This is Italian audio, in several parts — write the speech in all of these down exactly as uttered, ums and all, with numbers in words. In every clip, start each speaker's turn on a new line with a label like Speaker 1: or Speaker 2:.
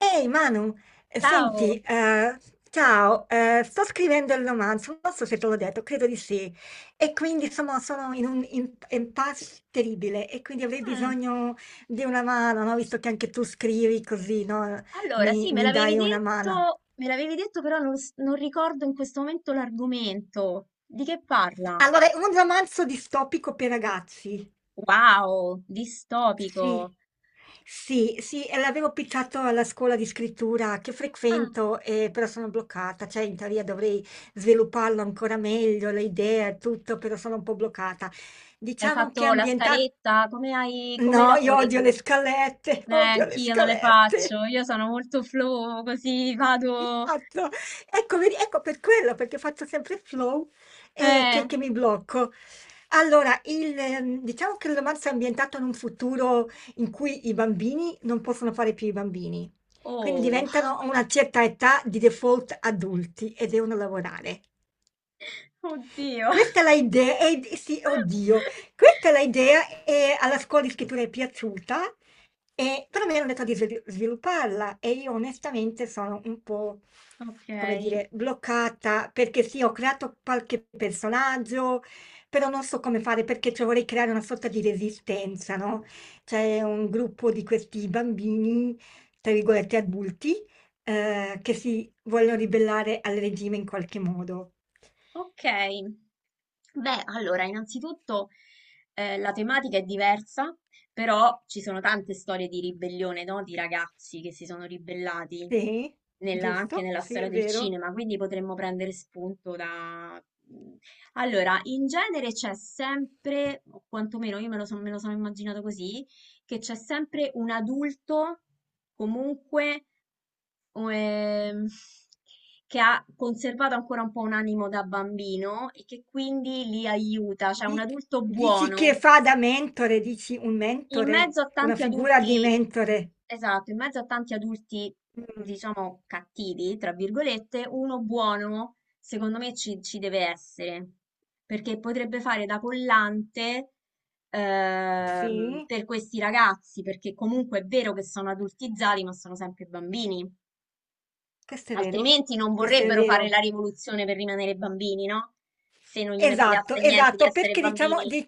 Speaker 1: Ehi Manu, eh,
Speaker 2: Ciao!
Speaker 1: senti, eh, ciao, eh, sto scrivendo il romanzo, non so se te l'ho detto, credo di sì, e quindi sono, sono in un in- impasse terribile e quindi avrei
Speaker 2: Mm,
Speaker 1: bisogno di una mano, no? Visto che anche tu scrivi così, no?
Speaker 2: Allora,
Speaker 1: Mi,
Speaker 2: sì, me
Speaker 1: mi
Speaker 2: l'avevi
Speaker 1: dai una mano.
Speaker 2: detto, me l'avevi detto, però non, s- non ricordo in questo momento l'argomento. Di che parla?
Speaker 1: Allora, è un romanzo distopico per ragazzi.
Speaker 2: Wow,
Speaker 1: Sì,
Speaker 2: distopico.
Speaker 1: sì, sì, e l'avevo pizzato alla scuola di scrittura che
Speaker 2: Ah,
Speaker 1: frequento, eh, però sono bloccata, cioè in teoria dovrei svilupparlo ancora meglio, le idee e tutto, però sono un po' bloccata.
Speaker 2: hai
Speaker 1: Diciamo che è
Speaker 2: fatto la
Speaker 1: ambientato...
Speaker 2: scaletta? Come hai,
Speaker 1: No,
Speaker 2: come
Speaker 1: io
Speaker 2: lavori
Speaker 1: odio le
Speaker 2: tu?
Speaker 1: scalette,
Speaker 2: Eh,
Speaker 1: odio le
Speaker 2: anch'io non le
Speaker 1: scalette.
Speaker 2: faccio, io sono molto flow, così vado...
Speaker 1: Esatto, ecco, vedi, ecco per quello, perché faccio sempre flow e
Speaker 2: Eh,
Speaker 1: che, che mi blocco. Allora, il, ehm, diciamo che il romanzo è ambientato in un futuro in cui i bambini non possono fare più i bambini, quindi
Speaker 2: oh,
Speaker 1: diventano a una certa età di default adulti e devono lavorare.
Speaker 2: oddio.
Speaker 1: Questa è l'idea, eh, sì, oddio, questa è l'idea e alla scuola di scrittura è piaciuta, e, però mi hanno detto di svil- svilupparla e io onestamente sono un po',
Speaker 2: Ok.
Speaker 1: come dire, bloccata perché sì, ho creato qualche personaggio, però non so come fare perché cioè, vorrei creare una sorta di resistenza, no? C'è un gruppo di questi bambini, tra virgolette adulti, eh, che si vogliono ribellare al regime in qualche modo.
Speaker 2: Ok, beh, allora, innanzitutto eh, la tematica è diversa, però ci sono tante storie di ribellione, no? Di ragazzi che si sono ribellati
Speaker 1: Sì,
Speaker 2: nella- anche
Speaker 1: giusto,
Speaker 2: nella
Speaker 1: sì,
Speaker 2: storia
Speaker 1: è
Speaker 2: del
Speaker 1: vero.
Speaker 2: cinema, quindi potremmo prendere spunto da... Mm. Allora, in genere c'è sempre, o quantomeno io me lo, son- me lo sono immaginato così, che c'è sempre un adulto comunque o, ehm, che ha conservato ancora un po' un animo da bambino e che quindi li aiuta, cioè un
Speaker 1: Di-
Speaker 2: adulto
Speaker 1: Dici che
Speaker 2: buono.
Speaker 1: fa da mentore, dici un
Speaker 2: In
Speaker 1: mentore,
Speaker 2: mezzo a
Speaker 1: una
Speaker 2: tanti
Speaker 1: figura di
Speaker 2: adulti,
Speaker 1: mentore.
Speaker 2: esatto, in mezzo a tanti adulti,
Speaker 1: Mm,
Speaker 2: diciamo, cattivi, tra virgolette, uno buono, secondo me, ci, ci deve essere, perché potrebbe fare da collante. Ehm,
Speaker 1: sì,
Speaker 2: per questi ragazzi, perché comunque è vero che sono adultizzati, ma sono sempre bambini.
Speaker 1: questo è vero,
Speaker 2: Altrimenti non
Speaker 1: questo è
Speaker 2: vorrebbero fare la
Speaker 1: vero.
Speaker 2: rivoluzione per rimanere bambini, no? Se non gliene
Speaker 1: Esatto,
Speaker 2: fregasse niente di
Speaker 1: esatto,
Speaker 2: essere
Speaker 1: perché diciamo,
Speaker 2: bambini.
Speaker 1: di-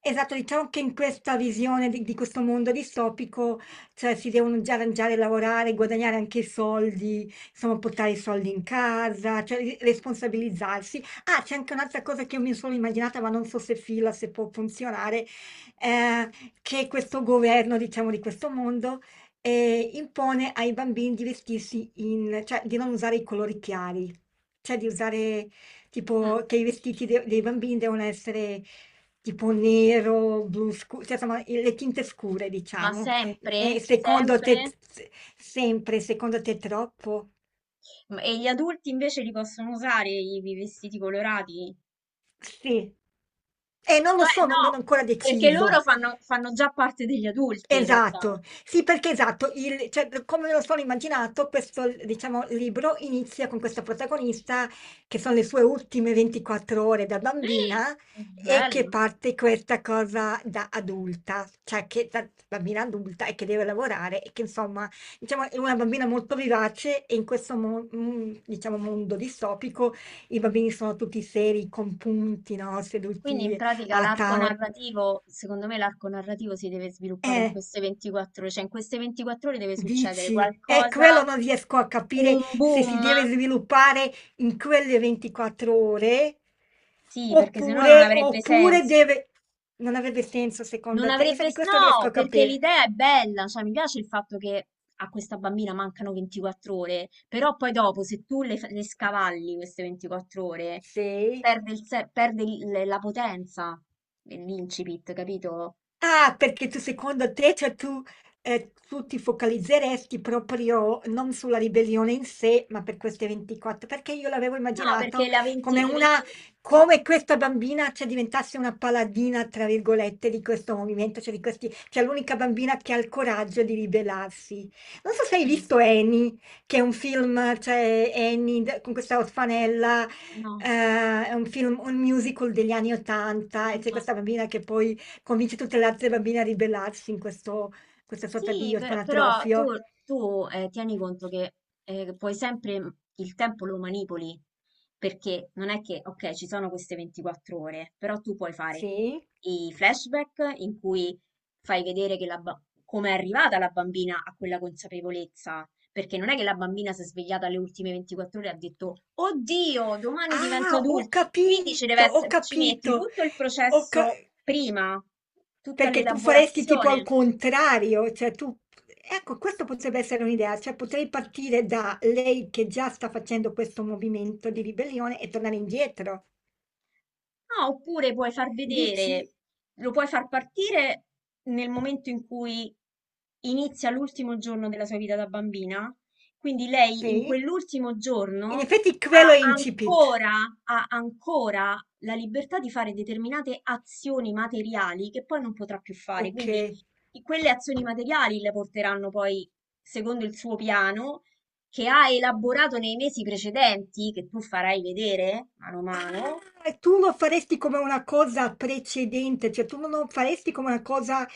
Speaker 1: esatto, diciamo che in questa visione di, di questo mondo distopico, cioè si devono già arrangiare, lavorare, guadagnare anche i soldi, insomma, portare i soldi in casa, cioè ri- responsabilizzarsi. Ah, c'è anche un'altra cosa che io mi sono immaginata, ma non so se fila, se può funzionare, eh, che questo governo, diciamo, di questo mondo, eh, impone ai bambini di vestirsi in, cioè di non usare i colori chiari, cioè di usare
Speaker 2: Mm.
Speaker 1: tipo che i vestiti de- dei bambini devono essere tipo nero, blu scuro, cioè insomma il- le tinte scure,
Speaker 2: Ma
Speaker 1: diciamo.
Speaker 2: sempre,
Speaker 1: E secondo
Speaker 2: sempre.
Speaker 1: te, t- se- sempre, secondo te troppo?
Speaker 2: Ma- E gli adulti invece li possono usare i i vestiti colorati?
Speaker 1: Sì. E non lo
Speaker 2: Cioè,
Speaker 1: so, non non ho
Speaker 2: no,
Speaker 1: ancora
Speaker 2: perché
Speaker 1: deciso.
Speaker 2: loro fanno, fanno già parte degli adulti in realtà.
Speaker 1: Esatto, sì perché esatto, il cioè d come me lo sono immaginato questo l diciamo libro inizia con questa protagonista che son le sue ultime ventiquattro ore da bambina e che
Speaker 2: Bello.
Speaker 1: parte questa cosa da adulta, cioè che da bambina adulta e che deve lavorare e che insomma, diciamo è una bambina molto vivace e in questo mo mhmm, diciamo mondo distopico i bambini sono tutti seri, compunti, no,
Speaker 2: Quindi in
Speaker 1: seduti
Speaker 2: pratica
Speaker 1: a
Speaker 2: l'arco
Speaker 1: tavo
Speaker 2: narrativo, secondo me l'arco narrativo si deve sviluppare in
Speaker 1: eh.
Speaker 2: queste ventiquattro ore, cioè in queste ventiquattro ore deve succedere
Speaker 1: Dici, è quello
Speaker 2: qualcosa,
Speaker 1: non riesco a capire
Speaker 2: un
Speaker 1: se
Speaker 2: boom.
Speaker 1: si deve sviluppare in quelle ventiquattro ore
Speaker 2: Sì, perché sennò non
Speaker 1: oppure,
Speaker 2: avrebbe
Speaker 1: oppure
Speaker 2: senso.
Speaker 1: deve... Non avrebbe senso
Speaker 2: Non
Speaker 1: secondo te? Io
Speaker 2: avrebbe...
Speaker 1: di
Speaker 2: s-
Speaker 1: questo riesco
Speaker 2: No,
Speaker 1: a
Speaker 2: perché
Speaker 1: capire.
Speaker 2: l'idea è bella, cioè mi piace il fatto che a questa bambina mancano ventiquattro ore, però poi dopo se tu le, fa- le scavalli queste ventiquattro ore,
Speaker 1: Sì.
Speaker 2: perde, il se- perde il- la potenza dell'incipit, capito?
Speaker 1: Ah, perché tu secondo te, cioè tu, eh, tu ti focalizzeresti proprio non sulla ribellione in sé, ma per queste ventiquattro, perché io l'avevo
Speaker 2: No, perché
Speaker 1: immaginato
Speaker 2: la venti,
Speaker 1: come
Speaker 2: le venti...
Speaker 1: una, come questa bambina, cioè, diventasse una paladina, tra virgolette, di questo movimento, cioè di questi, cioè l'unica bambina che ha il coraggio di ribellarsi. Non so se hai
Speaker 2: Sì,
Speaker 1: visto Annie, che è un film, cioè Annie d- con questa orfanella,
Speaker 2: no,
Speaker 1: eh, è un film, un musical degli anni ottanta, e c'è
Speaker 2: no.
Speaker 1: questa bambina che poi convince tutte le altre bambine a ribellarsi in questo questa sorta
Speaker 2: Sì,
Speaker 1: di
Speaker 2: per- però tu,
Speaker 1: orfanotrofio.
Speaker 2: tu, eh, tieni conto che eh, puoi sempre, mm, il tempo lo manipoli, perché non è che, ok, ci sono queste ventiquattro ore, però tu puoi fare
Speaker 1: Sì.
Speaker 2: i flashback in cui fai vedere che la ba- come è arrivata la bambina a quella consapevolezza, perché non è che la bambina si è svegliata alle ultime ventiquattro ore e ha detto, oddio, domani divento
Speaker 1: Ah, ho
Speaker 2: adulto. Quindi ci deve
Speaker 1: capito, ho
Speaker 2: essere, ci metti
Speaker 1: capito.
Speaker 2: tutto il
Speaker 1: Ho ca
Speaker 2: processo prima, tutta
Speaker 1: perché tu faresti tipo al
Speaker 2: l'elaborazione.
Speaker 1: contrario, cioè tu ecco, questo potrebbe essere un'idea, cioè potrei partire da lei che già sta facendo questo movimento di ribellione e tornare indietro.
Speaker 2: Ah, oppure puoi far vedere,
Speaker 1: Dici
Speaker 2: lo puoi far partire nel momento in cui inizia l'ultimo giorno della sua vita da bambina. Quindi lei in
Speaker 1: sì?
Speaker 2: quell'ultimo
Speaker 1: In
Speaker 2: giorno
Speaker 1: effetti quello
Speaker 2: ha
Speaker 1: è incipit.
Speaker 2: ancora, ha ancora la libertà di fare determinate azioni materiali che poi non potrà più fare. Quindi
Speaker 1: Okay.
Speaker 2: i- quelle azioni materiali le porteranno poi, secondo il suo piano, che ha elaborato nei mesi precedenti, che tu farai vedere mano a mano.
Speaker 1: Ah, e tu lo faresti come una cosa precedente, cioè tu non lo faresti come una cosa,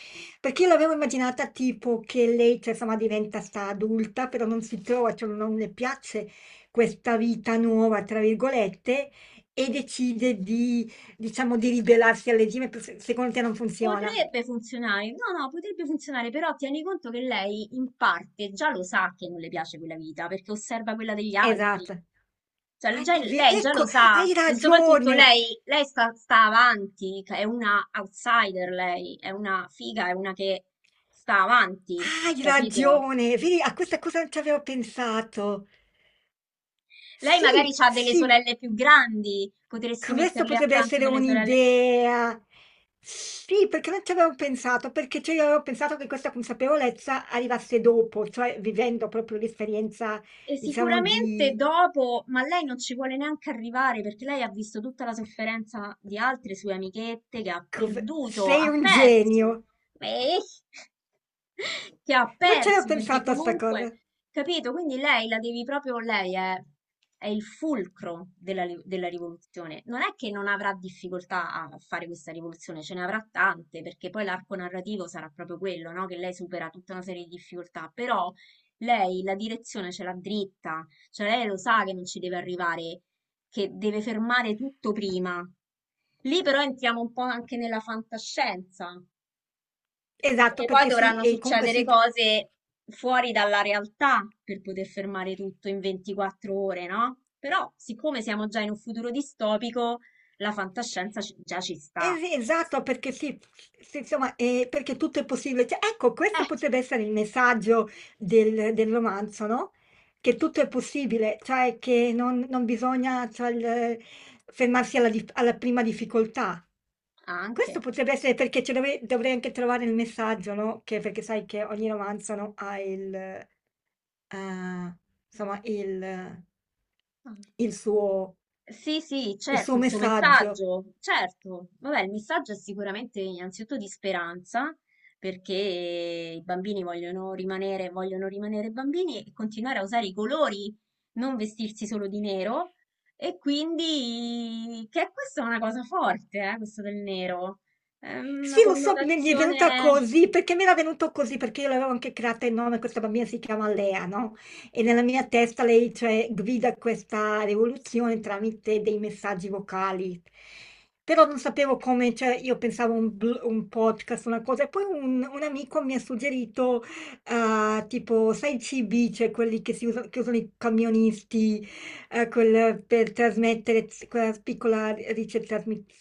Speaker 1: perché io l'avevo immaginata tipo che lei, cioè, insomma, diventa sta adulta, però non si trova, cioè non le piace questa vita nuova, tra virgolette, e decide di, diciamo, di ribellarsi al regime, per- se- secondo te non funziona.
Speaker 2: Potrebbe funzionare, no, no, potrebbe funzionare, però tieni conto che lei in parte già lo sa che non le piace quella vita perché osserva quella degli altri.
Speaker 1: Esatto.
Speaker 2: Cioè,
Speaker 1: Ah,
Speaker 2: già-
Speaker 1: è ve-
Speaker 2: lei già
Speaker 1: ecco,
Speaker 2: lo sa
Speaker 1: hai
Speaker 2: e soprattutto
Speaker 1: ragione,
Speaker 2: lei, lei sta, sta avanti, è una outsider lei, è una figa, è una che sta avanti,
Speaker 1: hai
Speaker 2: capito?
Speaker 1: ragione, vedi, a questa cosa non ci avevo pensato.
Speaker 2: Lei magari
Speaker 1: Sì,
Speaker 2: ha delle
Speaker 1: sì.
Speaker 2: sorelle più grandi, potresti
Speaker 1: Questo
Speaker 2: metterle
Speaker 1: potrebbe
Speaker 2: accanto
Speaker 1: essere
Speaker 2: delle sorelle.
Speaker 1: un'idea. Sì, perché non ci avevo pensato, perché cioè io avevo pensato che questa consapevolezza arrivasse dopo, cioè vivendo proprio l'esperienza,
Speaker 2: E
Speaker 1: diciamo,
Speaker 2: sicuramente
Speaker 1: di
Speaker 2: dopo, ma lei non ci vuole neanche arrivare perché lei ha visto tutta la sofferenza di altre sue amichette che ha
Speaker 1: cos-
Speaker 2: perduto,
Speaker 1: sei
Speaker 2: ha
Speaker 1: un
Speaker 2: perso,
Speaker 1: genio.
Speaker 2: eh, che ha
Speaker 1: Non ci avevo
Speaker 2: perso perché
Speaker 1: pensato a sta
Speaker 2: comunque,
Speaker 1: cosa.
Speaker 2: capito? Quindi lei la devi proprio, lei è, è il fulcro della, ri- della rivoluzione. Non è che non avrà difficoltà a fare questa rivoluzione, ce ne avrà tante perché poi l'arco narrativo sarà proprio quello, no? Che lei supera tutta una serie di difficoltà, però lei la direzione ce l'ha dritta, cioè lei lo sa che non ci deve arrivare, che deve fermare tutto prima. Lì però entriamo un po' anche nella fantascienza,
Speaker 1: Esatto,
Speaker 2: perché poi
Speaker 1: perché sì,
Speaker 2: dovranno
Speaker 1: e comunque
Speaker 2: succedere
Speaker 1: sì,
Speaker 2: cose fuori dalla realtà per poter fermare tutto in ventiquattro ore, no? Però, siccome siamo già in un futuro distopico, la fantascienza ci- già ci
Speaker 1: eh
Speaker 2: sta.
Speaker 1: sì, esatto, perché sì, sì, insomma, eh, perché tutto è possibile. Cioè, ecco, questo
Speaker 2: Eh,
Speaker 1: potrebbe essere il messaggio del, del romanzo, no? Che tutto è possibile, cioè che non, non bisogna cioè, il- fermarsi alla, dif- alla prima difficoltà. Questo
Speaker 2: anche.
Speaker 1: potrebbe essere perché ci dove- dovrei anche trovare il messaggio, no? Che, perché sai che ogni romanzo, no, ha il, eh, insomma, il,
Speaker 2: Ah.
Speaker 1: il suo,
Speaker 2: Sì, sì,
Speaker 1: il
Speaker 2: certo,
Speaker 1: suo
Speaker 2: il suo
Speaker 1: messaggio.
Speaker 2: messaggio, certo. Vabbè, il messaggio è sicuramente innanzitutto di speranza, perché i bambini vogliono rimanere, vogliono rimanere bambini e continuare a usare i colori, non vestirsi solo di nero. E quindi, che questa è una cosa forte, eh, questo del nero. È
Speaker 1: Sì,
Speaker 2: una
Speaker 1: lo so, mi mi è venuta
Speaker 2: connotazione,
Speaker 1: così, perché mi era venuto così, perché io l'avevo anche creata il nome, questa bambina si chiama Lea, no? E nella mia testa lei, cioè, guida questa rivoluzione tramite dei messaggi vocali. Però non sapevo come, cioè, io pensavo un, bl- un podcast, una cosa, e poi un, un amico mi ha suggerito, eh, tipo, sai, i C B, cioè quelli che si usano, che usano i camionisti, eh, col- per trasmettere z- quella piccola ricetrasmittore,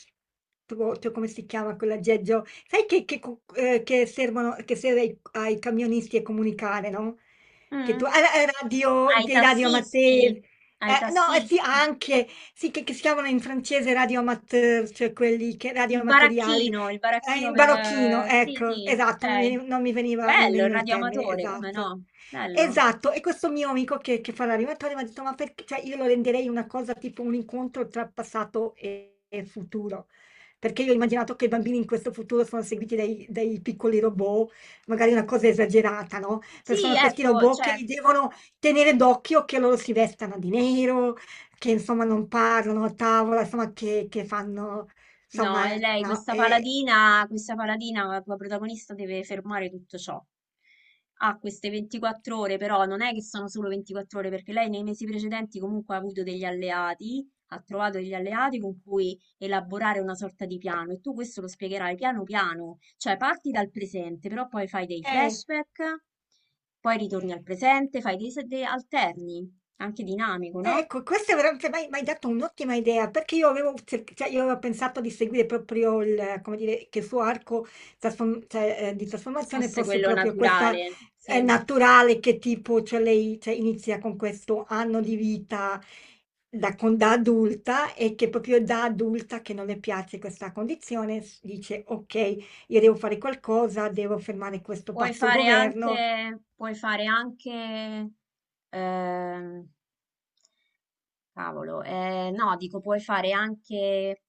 Speaker 1: come si chiama quell'aggeggio? Sai che, che cu- eh, che servono, che serve ai, ai camionisti a comunicare, no? Che tu, ah,
Speaker 2: mm,
Speaker 1: ah, radio,
Speaker 2: ai
Speaker 1: dei radio
Speaker 2: tassisti,
Speaker 1: amateur,
Speaker 2: ai
Speaker 1: eh, no, eh, sì,
Speaker 2: tassisti.
Speaker 1: anche, sì, che, che si chiamano in francese radio amateur, cioè quelli che, radio
Speaker 2: Il
Speaker 1: amatoriali,
Speaker 2: baracchino, il
Speaker 1: eh,
Speaker 2: baracchino
Speaker 1: in
Speaker 2: per...
Speaker 1: barocchino,
Speaker 2: eh, sì,
Speaker 1: ecco,
Speaker 2: sì,
Speaker 1: esatto, non,
Speaker 2: ok.
Speaker 1: veni- non mi veniva, non
Speaker 2: Bello, il
Speaker 1: veniva il termine,
Speaker 2: radioamatore, come
Speaker 1: esatto.
Speaker 2: no? Bello.
Speaker 1: Esatto, e questo mio amico che, che fa l'animatore mi ha detto, ma perché, cioè io lo renderei una cosa tipo un incontro tra passato e, e futuro, perché io ho immaginato che i bambini in questo futuro sono seguiti dai, dai piccoli robot, magari una cosa esagerata, no? Però
Speaker 2: Sì,
Speaker 1: sono questi
Speaker 2: ecco,
Speaker 1: robot che
Speaker 2: cioè,
Speaker 1: li devono tenere d'occhio, che loro si vestano di nero, che insomma non parlano a tavola, insomma che, che fanno,
Speaker 2: no,
Speaker 1: insomma,
Speaker 2: e lei,
Speaker 1: no?
Speaker 2: questa
Speaker 1: E,
Speaker 2: paladina, questa paladina, la tua protagonista deve fermare tutto ciò. Ha queste ventiquattro ore, però non è che sono solo ventiquattro ore, perché lei nei mesi precedenti comunque ha avuto degli alleati, ha trovato degli alleati con cui elaborare una sorta di piano, e tu questo lo spiegherai piano piano, cioè parti dal presente, però poi fai dei
Speaker 1: eh,
Speaker 2: flashback, poi ritorni al presente, fai dei, se- dei alterni, anche dinamico,
Speaker 1: Eh,
Speaker 2: no?
Speaker 1: ecco, questa è veramente m'hai m'hai dato un'ottima idea, perché io avevo cerc cioè io avevo pensato di seguire proprio il come dire, che il suo arco trasform cioè, ehm, di trasformazione
Speaker 2: Fosse
Speaker 1: fosse
Speaker 2: quello
Speaker 1: proprio questa,
Speaker 2: naturale,
Speaker 1: ehm,
Speaker 2: sì.
Speaker 1: naturale che tipo cioè lei cioè inizia con questo anno di vita da con da adulta e che proprio da adulta che non le piace questa condizione s dice: "Okay, io devo fare qualcosa, devo fermare questo
Speaker 2: Puoi
Speaker 1: pazzo
Speaker 2: fare
Speaker 1: governo".
Speaker 2: anche, puoi fare anche, ehm, cavolo, eh, no, dico puoi fare anche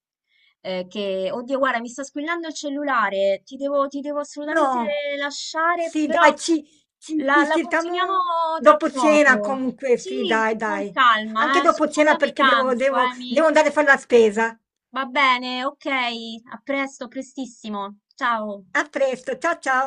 Speaker 2: eh, che, oddio, guarda, mi sta squillando il cellulare, ti devo, ti devo assolutamente
Speaker 1: No.
Speaker 2: lasciare,
Speaker 1: Sì
Speaker 2: però
Speaker 1: dai, ci ci
Speaker 2: la,
Speaker 1: ci
Speaker 2: la continuiamo
Speaker 1: sentiamo
Speaker 2: tra
Speaker 1: dopo cena
Speaker 2: poco.
Speaker 1: comunque, sì
Speaker 2: Sì,
Speaker 1: dai,
Speaker 2: con
Speaker 1: dai. Anche
Speaker 2: calma, eh,
Speaker 1: dopo cena
Speaker 2: scusami
Speaker 1: perché devo
Speaker 2: tanto,
Speaker 1: devo
Speaker 2: Amy.
Speaker 1: devo andare a fare la spesa.
Speaker 2: Va bene, ok, a presto, a prestissimo. Ciao.
Speaker 1: A presto, ciao ciao.